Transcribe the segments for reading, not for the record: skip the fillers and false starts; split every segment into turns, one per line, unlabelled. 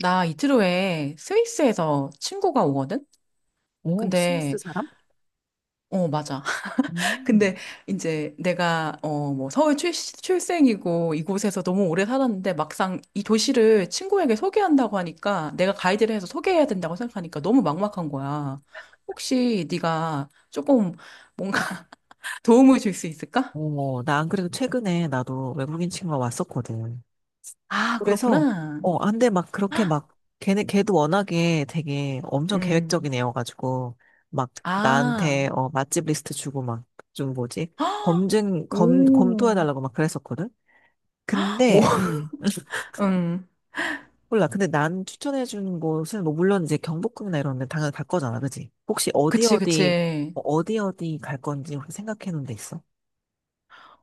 나 이틀 후에 스위스에서 친구가 오거든?
오, 스위스
근데,
사람?
어, 맞아.
음.
근데 이제 내가, 뭐, 서울 출생이고 이곳에서 너무 오래 살았는데 막상 이 도시를 친구에게 소개한다고 하니까 내가 가이드를 해서 소개해야 된다고 생각하니까 너무 막막한 거야. 혹시 네가 조금 뭔가 도움을 줄 수 있을까?
나 안 그래도 최근에 나도 외국인 친구가 왔었거든.
아,
그래서,
그렇구나.
어, 안 돼, 막 그렇게 막, 걔네, 걔도 워낙에 되게 엄청
음.
계획적인 애여가지고, 막 나한테,
아.
맛집 리스트 주고 막, 좀 뭐지?
헉! 오.
검토해달라고 막 그랬었거든?
오.
근데, 음,
음.
몰라. 근데 난 추천해준 곳은, 뭐, 물론 이제 경복궁이나 이런 데 당연히 갈 거잖아, 그지? 혹시 어디
그치,
어디,
그치.
어디 어디 갈 건지 혹시 생각해 놓은 데 있어?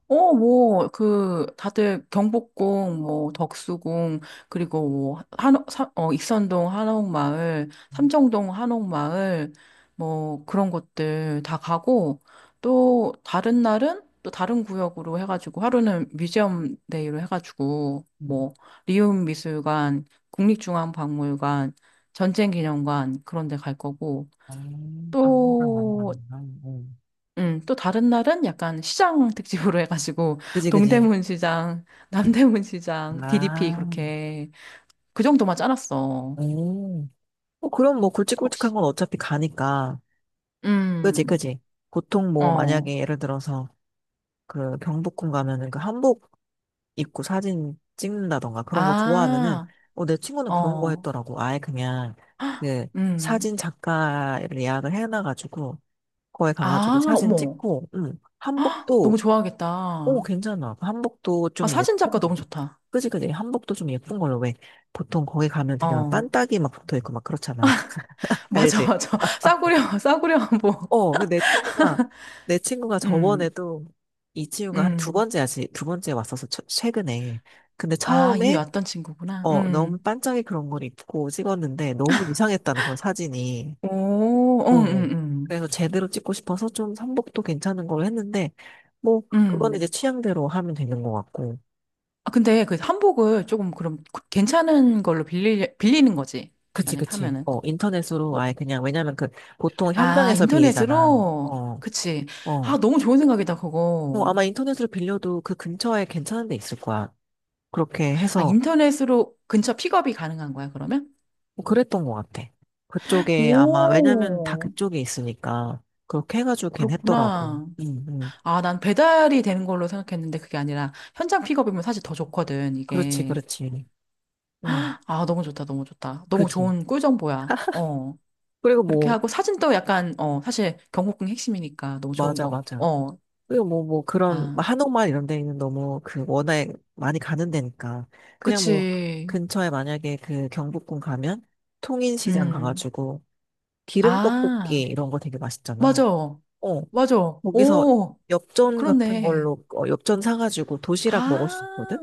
어, 뭐, 그, 다들 경복궁, 뭐, 덕수궁, 그리고 뭐, 한옥, 익선동 한옥마을, 삼청동 한옥마을, 뭐, 그런 것들 다 가고, 또, 다른 날은 또 다른 구역으로 해가지고, 하루는 뮤지엄 데이로 해가지고,
음.
뭐, 리움미술관, 국립중앙박물관, 전쟁기념관, 그런 데 갈 거고,
방문가 많이
또,
받는다. 음.
또 다른 날은 약간 시장 특집으로 해가지고
그지, 그지.
동대문 시장, 남대문 시장, DDP
아,
그렇게 그 정도만 짜놨어.
음, 어, 그럼 뭐 굵직굵직한
혹시
건 어차피 가니까. 그지,
음,
그지. 보통 뭐
어,
만약에 예를 들어서 그 경복궁 가면은 그 한복 입고 사진 찍는다던가 그런 거 좋아하면은
아,
어, 내 친구는 그런 거
어,
했더라고. 아예 그냥 그
음,
사진 작가를 예약을 해놔가지고 거기 가가지고
아,
사진
어머,
찍고,
헉, 너무
한복도, 오,
좋아하겠다.
괜찮아. 한복도
아,
좀
사진
예뻐.
작가 너무 좋다.
그지, 그지. 한복도 좀 예쁜 걸로 왜 보통 거기 가면 그냥
어,
빤딱이 막 붙어 있고 막 그렇잖아.
맞아,
알지?
맞아. 싸구려, 싸구려 한복.
어, 그 내 친구가
음,
저번에도 이 친구가 한 두
음,
번째야지 두 번째 왔어서 처- 최근에. 근데
아, 이미
처음에
왔던 친구구나.
어 너무 반짝이 그런 걸 입고 찍었는데 너무 이상했다는 걸 사진이.
오,
어.
응,
어.
응, 응,
그래서 제대로 찍고 싶어서 좀 한복도 괜찮은 걸 했는데 뭐 그건
응.
이제 취향대로 하면 되는 것 같고.
아, 근데 그 한복을 조금 그럼 그- 괜찮은 걸로 빌리, 빌리는 거지.
그치,
만약에
그치.
하면은.
어, 인터넷으로
오.
아예 그냥, 왜냐면 그, 보통
아,
현장에서 빌리잖아.
인터넷으로?
어,
그치. 아,
어.
너무 좋은 생각이다,
뭐
그거.
아마 인터넷으로 빌려도 그 근처에 괜찮은 데 있을 거야. 그렇게
아,
해서,
인터넷으로 근처 픽업이 가능한 거야, 그러면?
뭐 그랬던 것 같아. 그쪽에 아마, 왜냐면 다
오,
그쪽에 있으니까, 그렇게 해가지고 걘 했더라고.
그렇구나.
응, 응.
아, 난 배달이 되는 걸로 생각했는데 그게 아니라 현장 픽업이면 사실 더 좋거든,
그렇지,
이게.
그렇지. 응,
아, 너무 좋다, 너무 좋다. 너무
그치.
좋은 꿀정보야. 어.
그리고
그렇게
뭐,
하고 사진도 약간, 사실 경복궁 핵심이니까 너무 좋은
맞아,
거. 같고.
맞아.
어.
그리고 뭐, 뭐, 그런,
아.
뭐 한옥마을 이런 데는 너무 그 워낙 많이 가는 데니까. 그냥 뭐,
그치.
근처에 만약에 그 경복궁 가면 통인시장
음.
가가지고 기름떡볶이
아,
이런 거 되게 맛있잖아.
맞아.
어,
맞아.
거기서
오,
엽전 같은
그렇네.
걸로, 어, 엽전 사가지고 도시락 먹을 수 있거든?
아,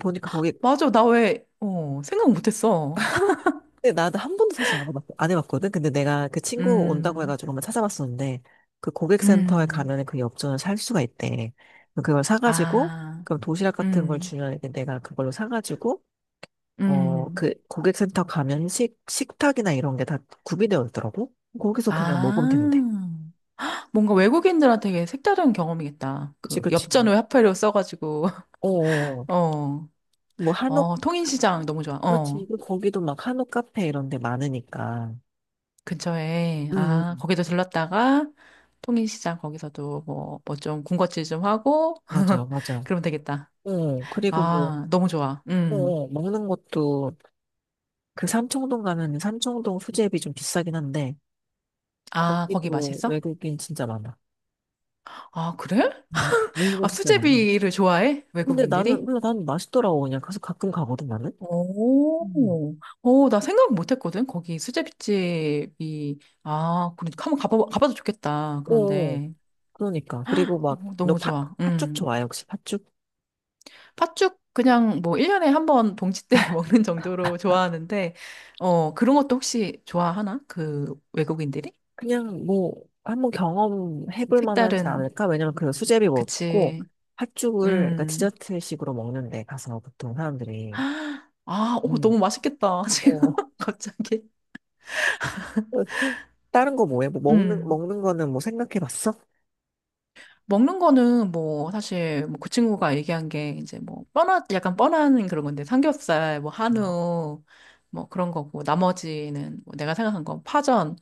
보니까 거기
맞아. 나 왜, 생각 못했어.
근데 나도 한 번도 사실 안 해봤거든. 근데 내가 그 친구 온다고
음,
해가지고 한번 찾아봤었는데 그 고객센터에
음,
가면은 그 엽전을 살 수가 있대. 그럼 그걸 사가지고
아,
그럼 도시락 같은 걸
음,
주면 이제 내가 그걸로 사가지고 어
음,
그 고객센터 가면 식 식탁이나 이런 게 다 구비되어 있더라고. 거기서 그냥 먹으면 된대.
아. 뭔가 외국인들한테 색다른 경험이겠다.
그치
그,
그치.
엽전 외화폐로 써가지고,
어, 어.
어,
뭐
어,
한옥
통인시장 너무 좋아.
그렇지.
어.
그리고 거기도 막 한옥 카페 이런 데 많으니까.
근처에, 아,
음
거기도 들렀다가, 통일시장 거기서도 뭐, 뭐 좀 군것질 좀 하고,
맞아 맞아.
그러면 되겠다.
어 그리고 뭐
아, 너무 좋아.
어,
음.
어, 먹는 것도 그 삼청동 가면 삼청동 수제비 좀 비싸긴 한데
아, 거기
거기도
맛있어?
외국인 진짜 많아.
아, 그래?
외국인
아,
진짜 많아.
수제비를 좋아해?
근데 나는
외국인들이?
몰라 나는 맛있더라고 그냥 그래서 가끔 가거든 나는. 음.
오, 오, 나 생각 못 했거든? 거기 수제비집이, 아, 그러니까 한번 가봐, 가봐도 좋겠다.
오,
그런데,
그러니까 그리고
어,
막너
너무 좋아.
팥죽
음.
좋아해 혹시 팥죽?
팥죽 그냥 뭐 1년에 한 번 동치 때 먹는 정도로 좋아하는데, 어, 그런 것도 혹시 좋아하나? 그 외국인들이?
그냥 뭐 한번 경험해볼 만하지
색다른,
않을까? 왜냐면 그 수제비 먹고
그치.
팥죽을 그러니까
음.
디저트식으로 먹는데 가서 보통 사람들이
아, 오,
음,
너무 맛있겠다.
어,
지금 갑자기.
다른 거 뭐해? 뭐
음.
먹는 거는 뭐 생각해봤어?
먹는 거는 뭐 사실 뭐 그 친구가 얘기한 게 이제 뭐 뻔한, 약간 뻔한 그런 건데 삼겹살, 뭐 한우, 뭐 그런 거고 나머지는 뭐 내가 생각한 건 파전,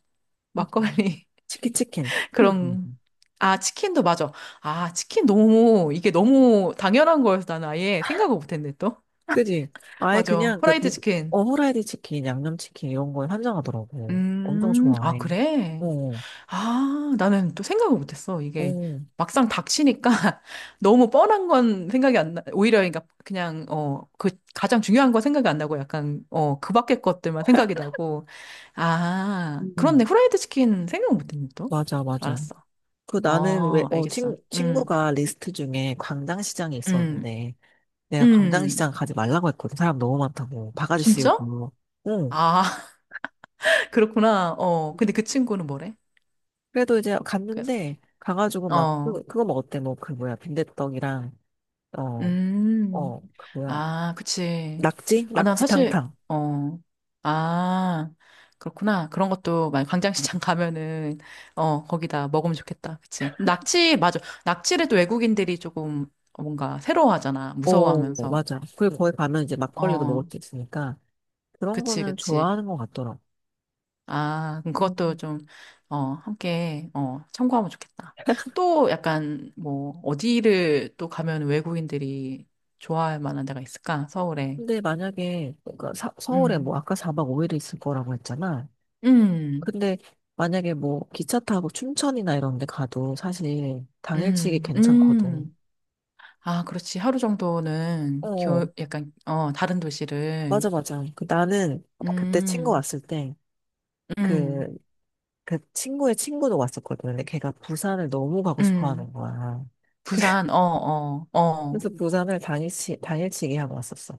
맞아.
막걸리
치킨 치킨.
그럼,
음.
아, 치킨도 맞아. 아, 치킨 너무, 이게 너무 당연한 거여서 나는 아예 생각을 못했네, 또.
그지? 아예
맞아.
그냥 그
프라이드
비,
치킨.
어, 후라이드 치킨, 양념 치킨 이런 거에 환장하더라고. 엄청
아,
좋아해.
그래?
어,
아, 나는 또 생각을 못했어. 이게
어,
막상 닥치니까 너무 뻔한 건 생각이 안 나, 오히려 그러니까 그냥, 그 가장 중요한 건 생각이 안 나고 약간, 그 밖의 것들만 생각이 나고. 아, 그렇네.
음.
후라이드 치킨 생각 못했네, 또.
맞아, 맞아.
알았어.
그 나는 왜,
어, 알겠어.
친구가 리스트 중에 광장시장이
음.
있었는데, 내가
음,
광장시장 가지 말라고 했거든. 사람 너무 많다고. 바가지
진짜?
씌우고. 응.
아, 그렇구나. 어, 근데 그 친구는 뭐래?
그래도 이제
그래서,
갔는데, 가가지고 막, 그,
어,
그거 먹었대. 뭐, 그 뭐야. 빈대떡이랑, 어,
음,
어, 그 뭐야.
아, 그치.
낙지?
아, 난 사실,
낙지탕탕.
어, 아, 그렇구나. 그런 것도, 만 광장시장 가면은, 어, 거기다 먹으면 좋겠다. 그치. 낙지, 맞아. 낙지를 또 외국인들이 조금 뭔가 새로워하잖아.
오,
무서워하면서.
맞아. 그리고 거기 가면 이제 막걸리도 먹을
어,
수 있으니까 그런
그치,
거는
그치.
좋아하는 것 같더라고.
아, 그럼 그것도
음,
좀, 함께, 참고하면 좋겠다. 또 약간, 뭐, 어디를 또 가면 외국인들이 좋아할 만한 데가 있을까? 서울에.
근데 만약에 그러니까 사- 서울에
음,
뭐 아까 4박 5일 이 있을 거라고 했잖아.
음,
근데 만약에 뭐 기차 타고 춘천이나 이런 데 가도 사실 당일치기
음,
괜찮거든.
음. 아, 그렇지. 하루 정도는
어,
약간, 다른 도시를.
맞아, 맞아. 그 나는 그때 친구
음,
왔을 때
음,
그, 그 친구의 친구도 왔었거든. 근데 걔가 부산을 너무 가고 싶어
음.
하는 거야.
부산, 어, 어, 어.
그래서 부산을 당일치기 하고 왔었어.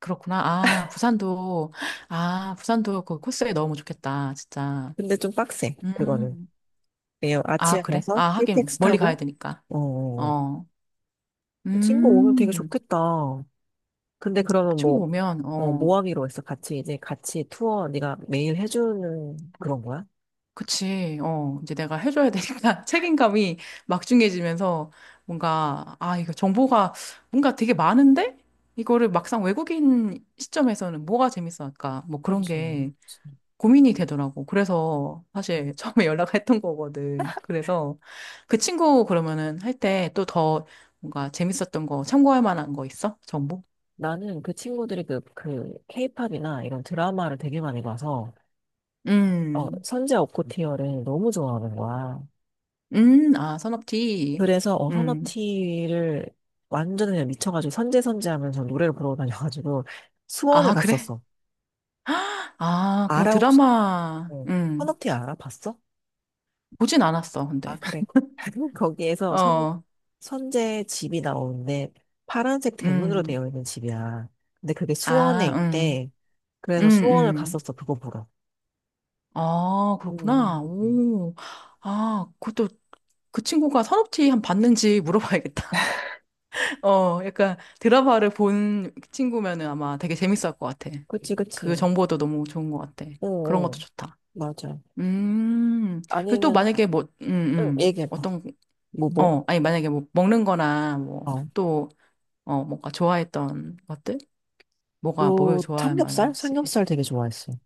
그렇구나. 아, 부산도, 아, 부산도 그 코스에 넣으면 좋겠다. 진짜.
근데 좀 빡세, 그거는.
음.
네요. 아침에
아, 그래?
가서
아, 하긴,
KTX
멀리 가야
타고,
되니까.
어, 어,
어,
어. 친구 오면 되게
음,
좋겠다. 근데 그러면
친구
뭐,
보면,
어,
어,
뭐 하기로 했어? 같이 이제 같이 투어 네가 매일 해주는 그런 거야?
그치, 어, 이제 내가 해줘야 되니까 책임감이 막중해지면서 뭔가, 아, 이거 정보가 뭔가 되게 많은데? 이거를 막상 외국인 시점에서는 뭐가 재밌어 할까? 뭐 그런
그렇지.
게
그렇지.
고민이 되더라고. 그래서
음.
사실 처음에 연락했던 거거든. 그래서 그 친구 그러면은 할 때 또 더 뭔가 재밌었던 거 참고할 만한 거 있어? 정보?
나는 그 친구들이 그, 그, 케이팝이나 이런 드라마를 되게 많이 봐서, 어,
음.
선제 오코티어를 너무 좋아하는 거야.
아, 산업티.
그래서, 어,
음.
선업티를 완전 그냥 미쳐가지고 선제 선제 하면서 노래를 부르고 다녀가지고 수원을
아, 그래?
갔었어.
아, 그럼
아라옥
드라마,
어, 헌옥티 알아봤어?
보진 않았어,
아,
근데.
그래. 거기에서 선,
어,
선제 집이 나오는데 파란색 대문으로
음.
되어 있는 집이야. 근데 그게 수원에
아,
있대.
음,
그래서 수원을
음.
갔었어, 그거 보러.
아,
음, 음,
그렇구나.
음.
오. 아, 그것도 그 친구가 산업티 한 봤는지 물어봐야겠다. 어, 약간 드라마를 본 친구면은 아마 되게 재밌을 것 같아.
그치,
그
그치.
정보도 너무 좋은 것 같아.
어,
그런 것도
어,
좋다.
맞아.
음. 그리고 또
아니면,
만약에 뭐,
응, 얘기해봐.
어떤
뭐, 뭐?
어, 아니, 만약에 뭐 먹는 거나 뭐
어,
또, 어, 뭔가 좋아했던 것들? 뭐가 뭘
그,
좋아할
삼겹살?
만한지.
삼겹살 되게 좋아했어.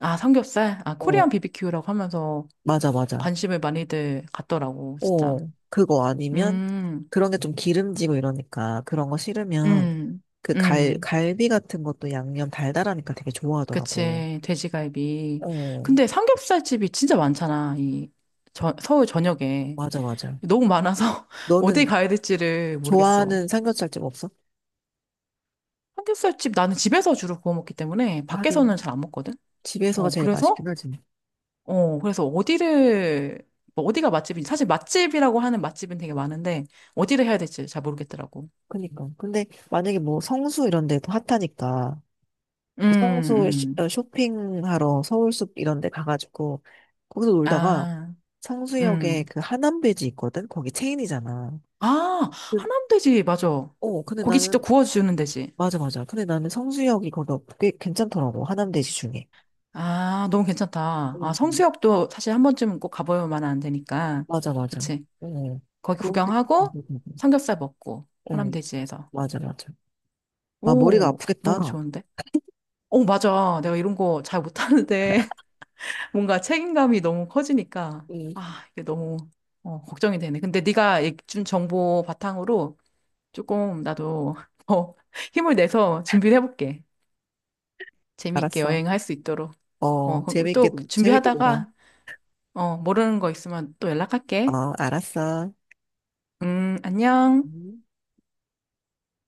아, 삼겹살? 아, 코리안
어,
비비큐라고 하면서
맞아, 맞아.
관심을 많이들 갖더라고, 진짜.
어, 그거 아니면
음,
그런 게 좀 기름지고 이러니까 그런 거 싫으면
음, 음.
갈비 같은 것도 양념 달달하니까 되게 좋아하더라고.
그치, 돼지갈비.
어,
근데 삼겹살 집이 진짜 많잖아, 이 저, 서울 전역에.
맞아, 맞아.
너무 많아서 어디
너는
가야 될지를 모르겠어.
좋아하는 삼겹살집 없어?
삼겹살 집, 나는 집에서 주로 구워 먹기 때문에 밖에서는
하긴,
잘 안 먹거든?
집에서가
어,
제일 맛있긴
그래서
하지. 뭐.
어, 그래서 어디를, 뭐 어디가 맛집인지, 사실 맛집이라고 하는 맛집은 되게 많은데, 어디를 해야 될지 잘 모르겠더라고.
그니까. 근데 만약에 뭐 성수 이런 데도 핫하니까 그
음,
성수 쇼-
음.
어, 쇼핑하러 서울숲 이런 데 가가지고 거기서 놀다가
아,
성수역에
음.
그 하남베지 있거든? 거기 체인이잖아.
아,
그-
하남돼지, 맞아.
어, 근데
고기 직접
나는
구워주는 돼지.
맞아, 맞아. 근데 나는 성수역이 꽤 괜찮더라고. 하남대지 중에.
아, 너무 괜찮다. 아,
응, 응.
성수역도 사실 한 번쯤은 꼭 가봐야만 안 되니까.
맞아, 맞아.
그치.
응.
거기
그런데,
구경하고, 삼겹살 먹고,
응,
하남돼지에서.
맞아, 맞아. 아, 머리가
오, 너무
아프겠다.
좋은데? 오, 맞아. 내가 이런 거 잘 못하는데. 뭔가 책임감이 너무 커지니까
응,
아, 이게 너무 어, 걱정이 되네. 근데 네가 준 정보 바탕으로 조금 나도 더 힘을 내서 준비를 해볼게. 재미있게
알았어.
여행할 수 있도록. 어,
어,
그럼
재밌게,
또
재밌게 놀아.
준비하다가 어, 모르는 거 있으면 또 연락할게.
어, 알았어.
안녕.
음.